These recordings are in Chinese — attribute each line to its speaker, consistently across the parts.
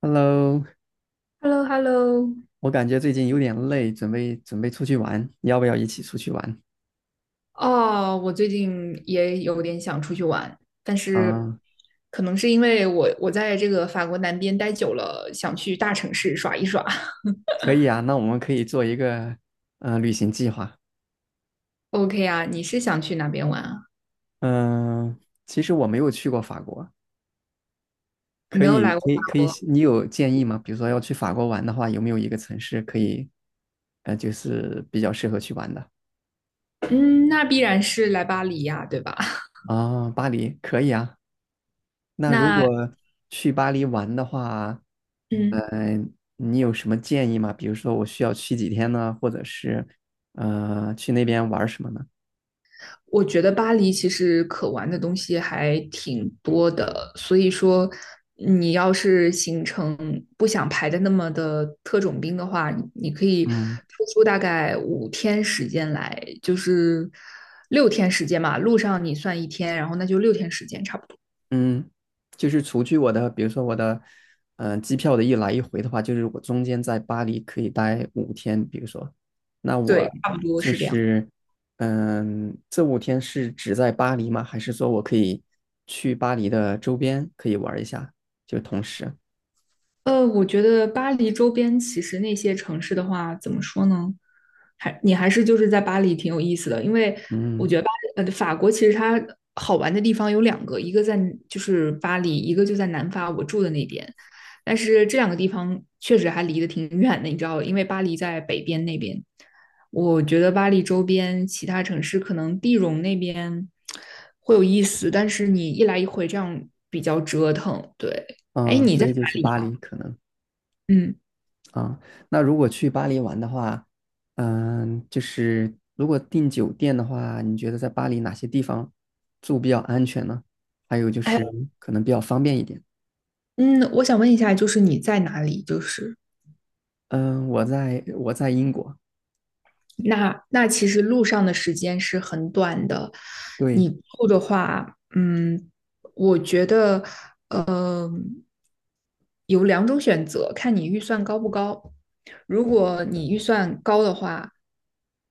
Speaker 1: Hello，
Speaker 2: h e l l o h e l l o
Speaker 1: 我感觉最近有点累，准备出去玩，要不要一起出去玩？
Speaker 2: 哦，我最近也有点想出去玩，但是
Speaker 1: 啊，
Speaker 2: 可能是因为我在这个法国南边待久了，想去大城市耍一耍。
Speaker 1: 可以啊，那我们可以做一个旅行计划。
Speaker 2: OK 啊，你是想去哪边玩啊？
Speaker 1: 嗯，其实我没有去过法国，可
Speaker 2: 没有
Speaker 1: 以
Speaker 2: 来过
Speaker 1: 可
Speaker 2: 法
Speaker 1: 以可以，
Speaker 2: 国。
Speaker 1: 你有建议吗？比如说要去法国玩的话，有没有一个城市可以就是比较适合去玩的？
Speaker 2: 嗯，那必然是来巴黎呀，对吧？
Speaker 1: 啊，巴黎可以啊，那如
Speaker 2: 那，
Speaker 1: 果去巴黎玩的话，
Speaker 2: 嗯，
Speaker 1: 呃，你有什么建议吗？比如说我需要去几天呢，或者是去那边玩什么呢？
Speaker 2: 我觉得巴黎其实可玩的东西还挺多的，所以说你要是行程不想排的那么的特种兵的话，你可以抽
Speaker 1: 嗯
Speaker 2: 出大概五天时间来，就是六天时间嘛，路上你算一天，然后那就六天时间差不多。
Speaker 1: 嗯，就是除去我的，比如说我的，机票的一来一回的话，就是我中间在巴黎可以待五天，比如说，那我
Speaker 2: 对，差不多
Speaker 1: 就
Speaker 2: 是这样。
Speaker 1: 是，嗯，这五天是只在巴黎吗？还是说我可以去巴黎的周边可以玩一下，就同时，
Speaker 2: 我觉得巴黎周边其实那些城市的话，怎么说呢？你还是就是在巴黎挺有意思的，因为我
Speaker 1: 嗯。
Speaker 2: 觉得法国其实它好玩的地方有两个，一个在就是巴黎，一个就在南法我住的那边。但是这两个地方确实还离得挺远的，你知道，因为巴黎在北边那边，我觉得巴黎周边其他城市可能地荣那边会有意思，但是你一来一回这样比较折腾。对，哎，
Speaker 1: 嗯，
Speaker 2: 你
Speaker 1: 所
Speaker 2: 在
Speaker 1: 以
Speaker 2: 哪
Speaker 1: 就是巴
Speaker 2: 里？
Speaker 1: 黎可能
Speaker 2: 嗯，
Speaker 1: 啊。那如果去巴黎玩的话，嗯，就是如果订酒店的话，你觉得在巴黎哪些地方住比较安全呢？还有就
Speaker 2: 哎，
Speaker 1: 是可能比较方便一点。
Speaker 2: 嗯，我想问一下，就是你在哪里？就是，
Speaker 1: 嗯，我在英国，
Speaker 2: 那其实路上的时间是很短的，
Speaker 1: 对，
Speaker 2: 你住的话，我觉得，呃，有两种选择，看你预算高不高。如果你预算高的话，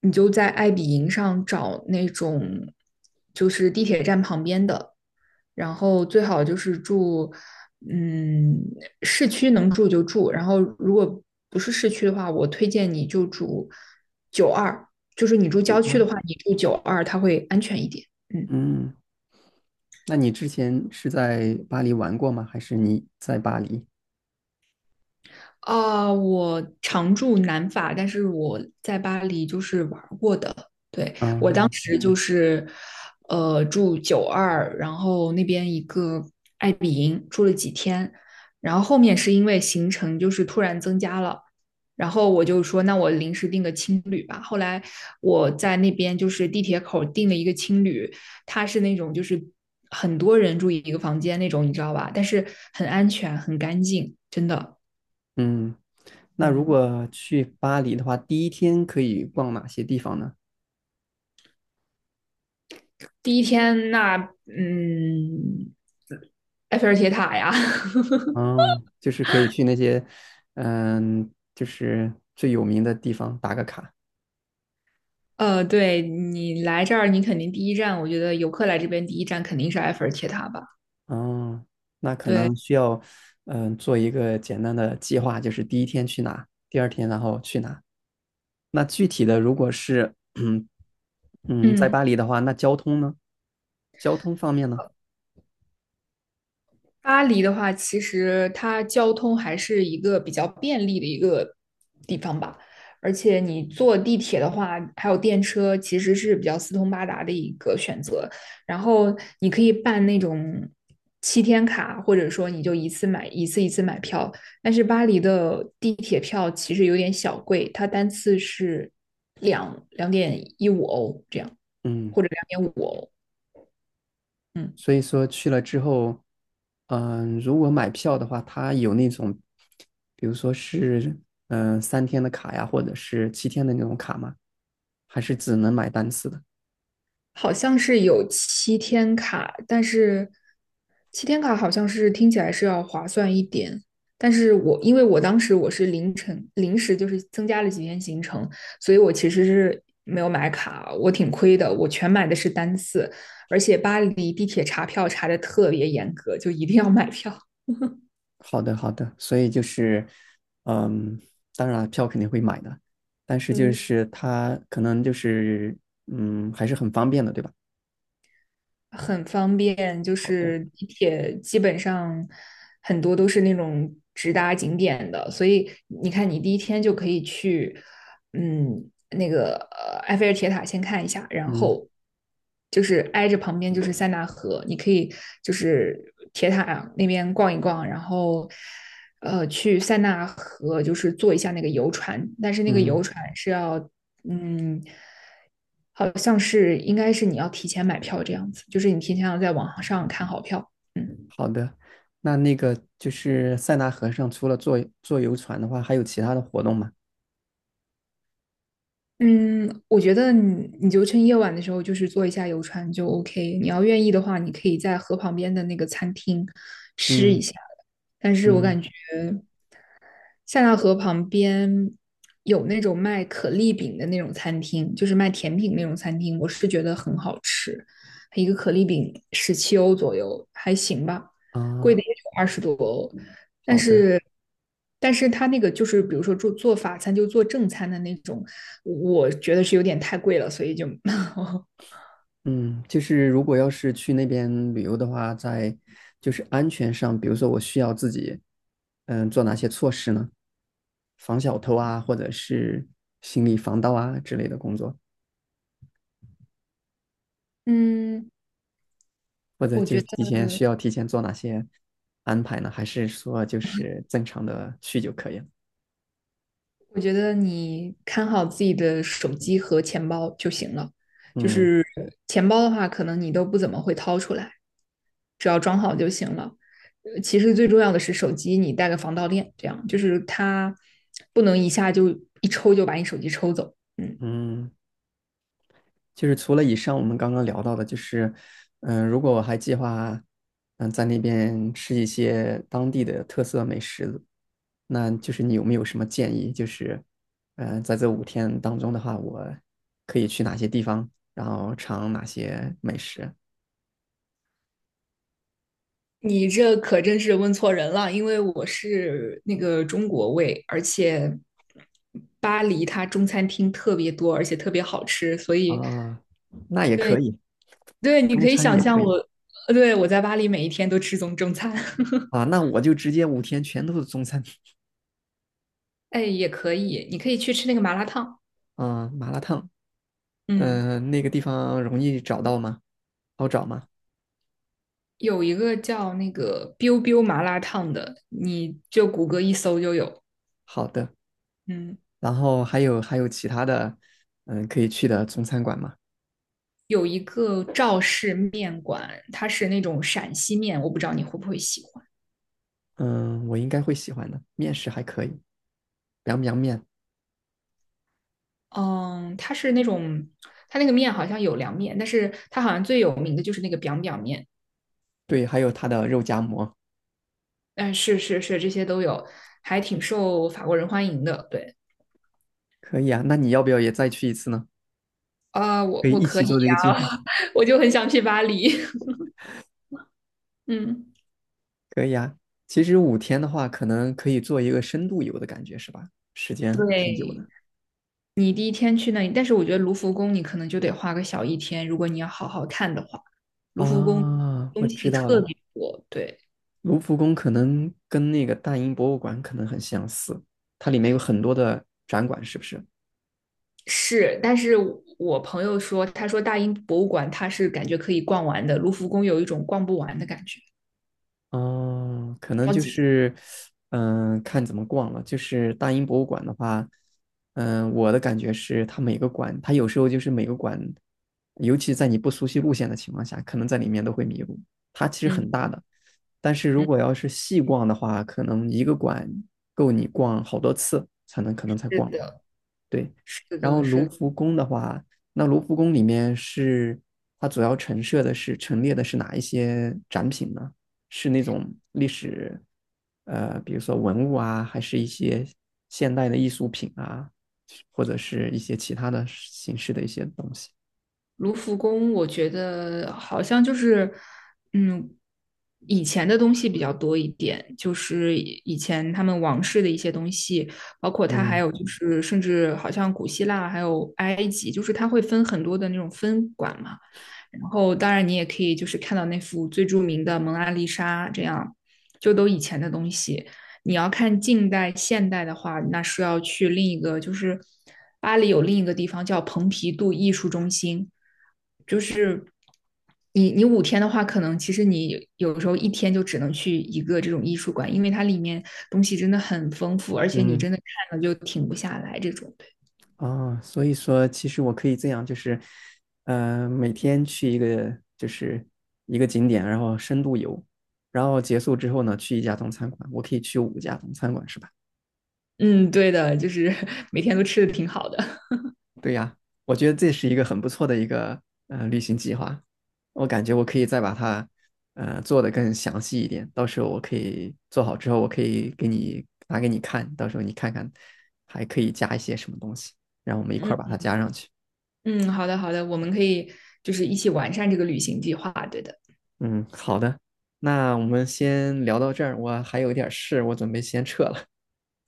Speaker 2: 你就在爱彼迎上找那种就是地铁站旁边的，然后最好就是住，嗯，市区能住就住。然后如果不是市区的话，我推荐你就住九二，就是你住
Speaker 1: 九
Speaker 2: 郊区
Speaker 1: 二。
Speaker 2: 的话，你住九二，它会安全一点。嗯，
Speaker 1: 嗯，那你之前是在巴黎玩过吗？还是你在巴黎？
Speaker 2: 我常住南法，但是我在巴黎就是玩过的。对，
Speaker 1: 嗯
Speaker 2: 就是住九二，然后那边一个爱比营住了几天，然后后面是因为行程就是突然增加了。然后我就说，那我临时订个青旅吧。后来我在那边就是地铁口订了一个青旅，它是那种就是很多人住一个房间那种，你知道吧？但是很安全，很干净，真的。
Speaker 1: 嗯，那如
Speaker 2: 嗯，
Speaker 1: 果去巴黎的话，第一天可以逛哪些地方呢？
Speaker 2: 第一天那嗯，埃菲尔铁塔呀。
Speaker 1: 哦，就是可以去那些，嗯，就是最有名的地方打个卡。
Speaker 2: 对你来这儿，你肯定第一站，我觉得游客来这边第一站肯定是埃菲尔铁塔吧。
Speaker 1: 哦，那可能需要，嗯，做一个简单的计划，就是第一天去哪，第2天然后去哪。那具体的，如果是，嗯嗯，在
Speaker 2: 嗯，
Speaker 1: 巴黎的话，那交通呢？交通方面呢？
Speaker 2: 巴黎的话，其实它交通还是一个比较便利的一个地方吧，而且你坐地铁的话，还有电车，其实是比较四通八达的一个选择。然后你可以办那种七天卡，或者说你就一次一次买票。但是巴黎的地铁票其实有点小贵，它单次是两点一五欧这样，
Speaker 1: 嗯。
Speaker 2: 或者2.5欧。嗯。
Speaker 1: 所以说去了之后，嗯、如果买票的话，它有那种，比如说是嗯、3天的卡呀，或者是7天的那种卡吗？还是只能买单次的？
Speaker 2: 好像是有七天卡，但是七天卡好像是听起来是要划算一点。但是因为我当时我是凌晨临时就是增加了几天行程，所以我其实是没有买卡，我挺亏的。我全买的是单次，而且巴黎地铁查票查的特别严格，就一定要买票。
Speaker 1: 好的，好的。所以就是，嗯，当然票肯定会买的，但是就
Speaker 2: 嗯。
Speaker 1: 是它可能就是，嗯，还是很方便的，对吧？
Speaker 2: 很方便，就
Speaker 1: 好的，
Speaker 2: 是地铁基本上很多都是那种直达景点的，所以你看，你第一天就可以去，那个埃菲尔铁塔先看一下，然
Speaker 1: 嗯
Speaker 2: 后就是挨着旁边就是塞纳河，你可以就是铁塔那边逛一逛，然后去塞纳河就是坐一下那个游船，但是那个游
Speaker 1: 嗯，
Speaker 2: 船是要嗯，好像是应该是你要提前买票这样子，就是你提前要在网上看好票。嗯
Speaker 1: 好的。那那个就是塞纳河上，除了坐游船的话，还有其他的活动吗？
Speaker 2: 嗯，我觉得你就趁夜晚的时候，就是坐一下游船就 OK。你要愿意的话，你可以在河旁边的那个餐厅吃一
Speaker 1: 嗯。
Speaker 2: 下。但是我
Speaker 1: 嗯
Speaker 2: 感觉塞纳河旁边有那种卖可丽饼的那种餐厅，就是卖甜品那种餐厅，我是觉得很好吃，一个可丽饼17欧左右，还行吧，贵
Speaker 1: 啊，
Speaker 2: 的也就20多欧，但
Speaker 1: 好的，
Speaker 2: 是。他那个就是，比如说做法餐，就做正餐的那种，我觉得是有点太贵了，所以就。
Speaker 1: 嗯，就是如果要是去那边旅游的话，在就是安全上，比如说我需要自己，嗯，做哪些措施呢？防小偷啊，或者是行李防盗啊之类的工作，
Speaker 2: 嗯，
Speaker 1: 或者
Speaker 2: 我
Speaker 1: 就
Speaker 2: 觉
Speaker 1: 是
Speaker 2: 得
Speaker 1: 提前做哪些安排呢？还是说就是正常的去就可以了？
Speaker 2: 我觉得你看好自己的手机和钱包就行了。就
Speaker 1: 嗯
Speaker 2: 是钱包的话，可能你都不怎么会掏出来，只要装好就行了。其实最重要的是手机，你带个防盗链，这样就是它不能一下就一抽就把你手机抽走。嗯，
Speaker 1: 嗯，就是除了以上我们刚刚聊到的，就是，嗯，如果我还计划，嗯，在那边吃一些当地的特色美食，那就是你有没有什么建议？就是，嗯、在这五天当中的话，我可以去哪些地方，然后尝哪些美食？
Speaker 2: 你这可真是问错人了，因为我是那个中国胃，而且巴黎它中餐厅特别多，而且特别好吃，所以
Speaker 1: 啊，那也可
Speaker 2: 对。
Speaker 1: 以，
Speaker 2: 对，你
Speaker 1: 中
Speaker 2: 可以
Speaker 1: 餐
Speaker 2: 想
Speaker 1: 也
Speaker 2: 象
Speaker 1: 可
Speaker 2: 我，
Speaker 1: 以
Speaker 2: 对，我在巴黎每一天都吃中餐。
Speaker 1: 啊。那我就直接五天全都是中餐
Speaker 2: 哎，也可以，你可以去吃那个麻辣烫。
Speaker 1: 啊，麻辣烫。
Speaker 2: 嗯，
Speaker 1: 嗯、那个地方容易找到吗？好找吗？
Speaker 2: 有一个叫那个 biu biu 麻辣烫的，你就谷歌一搜就有。
Speaker 1: 好的。
Speaker 2: 嗯，
Speaker 1: 然后还有其他的，嗯，可以去的中餐馆嘛，
Speaker 2: 有一个赵氏面馆，它是那种陕西面，我不知道你会不会喜欢。
Speaker 1: 嗯，我应该会喜欢的。面食还可以，凉凉面？
Speaker 2: 嗯，它是那种，它那个面好像有凉面，但是它好像最有名的就是那个 biang biang 面。
Speaker 1: 对，还有它的肉夹馍，
Speaker 2: 嗯，是是是，这些都有，还挺受法国人欢迎的。对。
Speaker 1: 可以啊。那你要不要也再去一次呢？
Speaker 2: 啊、呃我
Speaker 1: 可以
Speaker 2: 我
Speaker 1: 一
Speaker 2: 可
Speaker 1: 起
Speaker 2: 以
Speaker 1: 做这个
Speaker 2: 呀。
Speaker 1: 计划。
Speaker 2: 我就很想去巴黎。嗯，
Speaker 1: 可以啊。其实五天的话，可能可以做一个深度游的感觉，是吧？时间挺久
Speaker 2: 对，
Speaker 1: 的。
Speaker 2: 你第一天去那里，但是我觉得卢浮宫你可能就得花个小一天，如果你要好好看的话，卢浮宫
Speaker 1: 啊，我
Speaker 2: 东西
Speaker 1: 知道
Speaker 2: 特
Speaker 1: 了。
Speaker 2: 别多。对，
Speaker 1: 卢浮宫可能跟那个大英博物馆可能很相似，它里面有很多的展馆，是不是？
Speaker 2: 是，但是我朋友说，他说大英博物馆他是感觉可以逛完的，卢浮宫有一种逛不完的感觉，
Speaker 1: 哦，可能
Speaker 2: 超
Speaker 1: 就
Speaker 2: 级的。
Speaker 1: 是，嗯，看怎么逛了。就是大英博物馆的话，嗯，我的感觉是，它每个馆，它有时候就是每个馆，尤其在你不熟悉路线的情况下，可能在里面都会迷路。它其实
Speaker 2: 嗯
Speaker 1: 很大的，但是如
Speaker 2: 嗯，
Speaker 1: 果要是细逛的话，可能一个馆够你逛好多次才能可能才
Speaker 2: 是
Speaker 1: 逛。
Speaker 2: 的，
Speaker 1: 对，
Speaker 2: 是
Speaker 1: 然后
Speaker 2: 的，
Speaker 1: 卢
Speaker 2: 是的。
Speaker 1: 浮宫的话，那卢浮宫里面是它主要陈设的是陈列的是哪一些展品呢？是那种历史，比如说文物啊，还是一些现代的艺术品啊，或者是一些其他的形式的一些东西？
Speaker 2: 卢浮宫，我觉得好像就是，嗯，以前的东西比较多一点，就是以前他们王室的一些东西，包括它还
Speaker 1: 嗯
Speaker 2: 有就是，甚至好像古希腊还有埃及，就是它会分很多的那种分馆嘛。然后当然你也可以就是看到那幅最著名的《蒙娜丽莎》，这样就都以前的东西。你要看近代、现代的话，那是要去另一个，就是巴黎有另一个地方叫蓬皮杜艺术中心，就是你五天的话，可能其实你有时候一天就只能去一个这种艺术馆，因为它里面东西真的很丰富，而且你
Speaker 1: 嗯。
Speaker 2: 真的看了就停不下来这种。
Speaker 1: 哦，所以说其实我可以这样，就是，每天去一个就是一个景点，然后深度游，然后结束之后呢，去一家中餐馆，我可以去5家中餐馆，是吧？
Speaker 2: 嗯，对的，就是 每天都吃的挺好的。
Speaker 1: 对呀，我觉得这是一个很不错的一个旅行计划，我感觉我可以再把它做得更详细一点，到时候我可以做好之后，我可以给你拿给你看，到时候你看看还可以加一些什么东西，然后我们一块儿 把它
Speaker 2: 嗯
Speaker 1: 加上去。
Speaker 2: 嗯，好的好的，我们可以就是一起完善这个旅行计划。对的。
Speaker 1: 嗯，好的，那我们先聊到这儿，我还有一点事，我准备先撤了。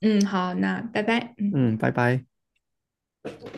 Speaker 2: 嗯，好，那拜拜。
Speaker 1: 嗯，拜拜。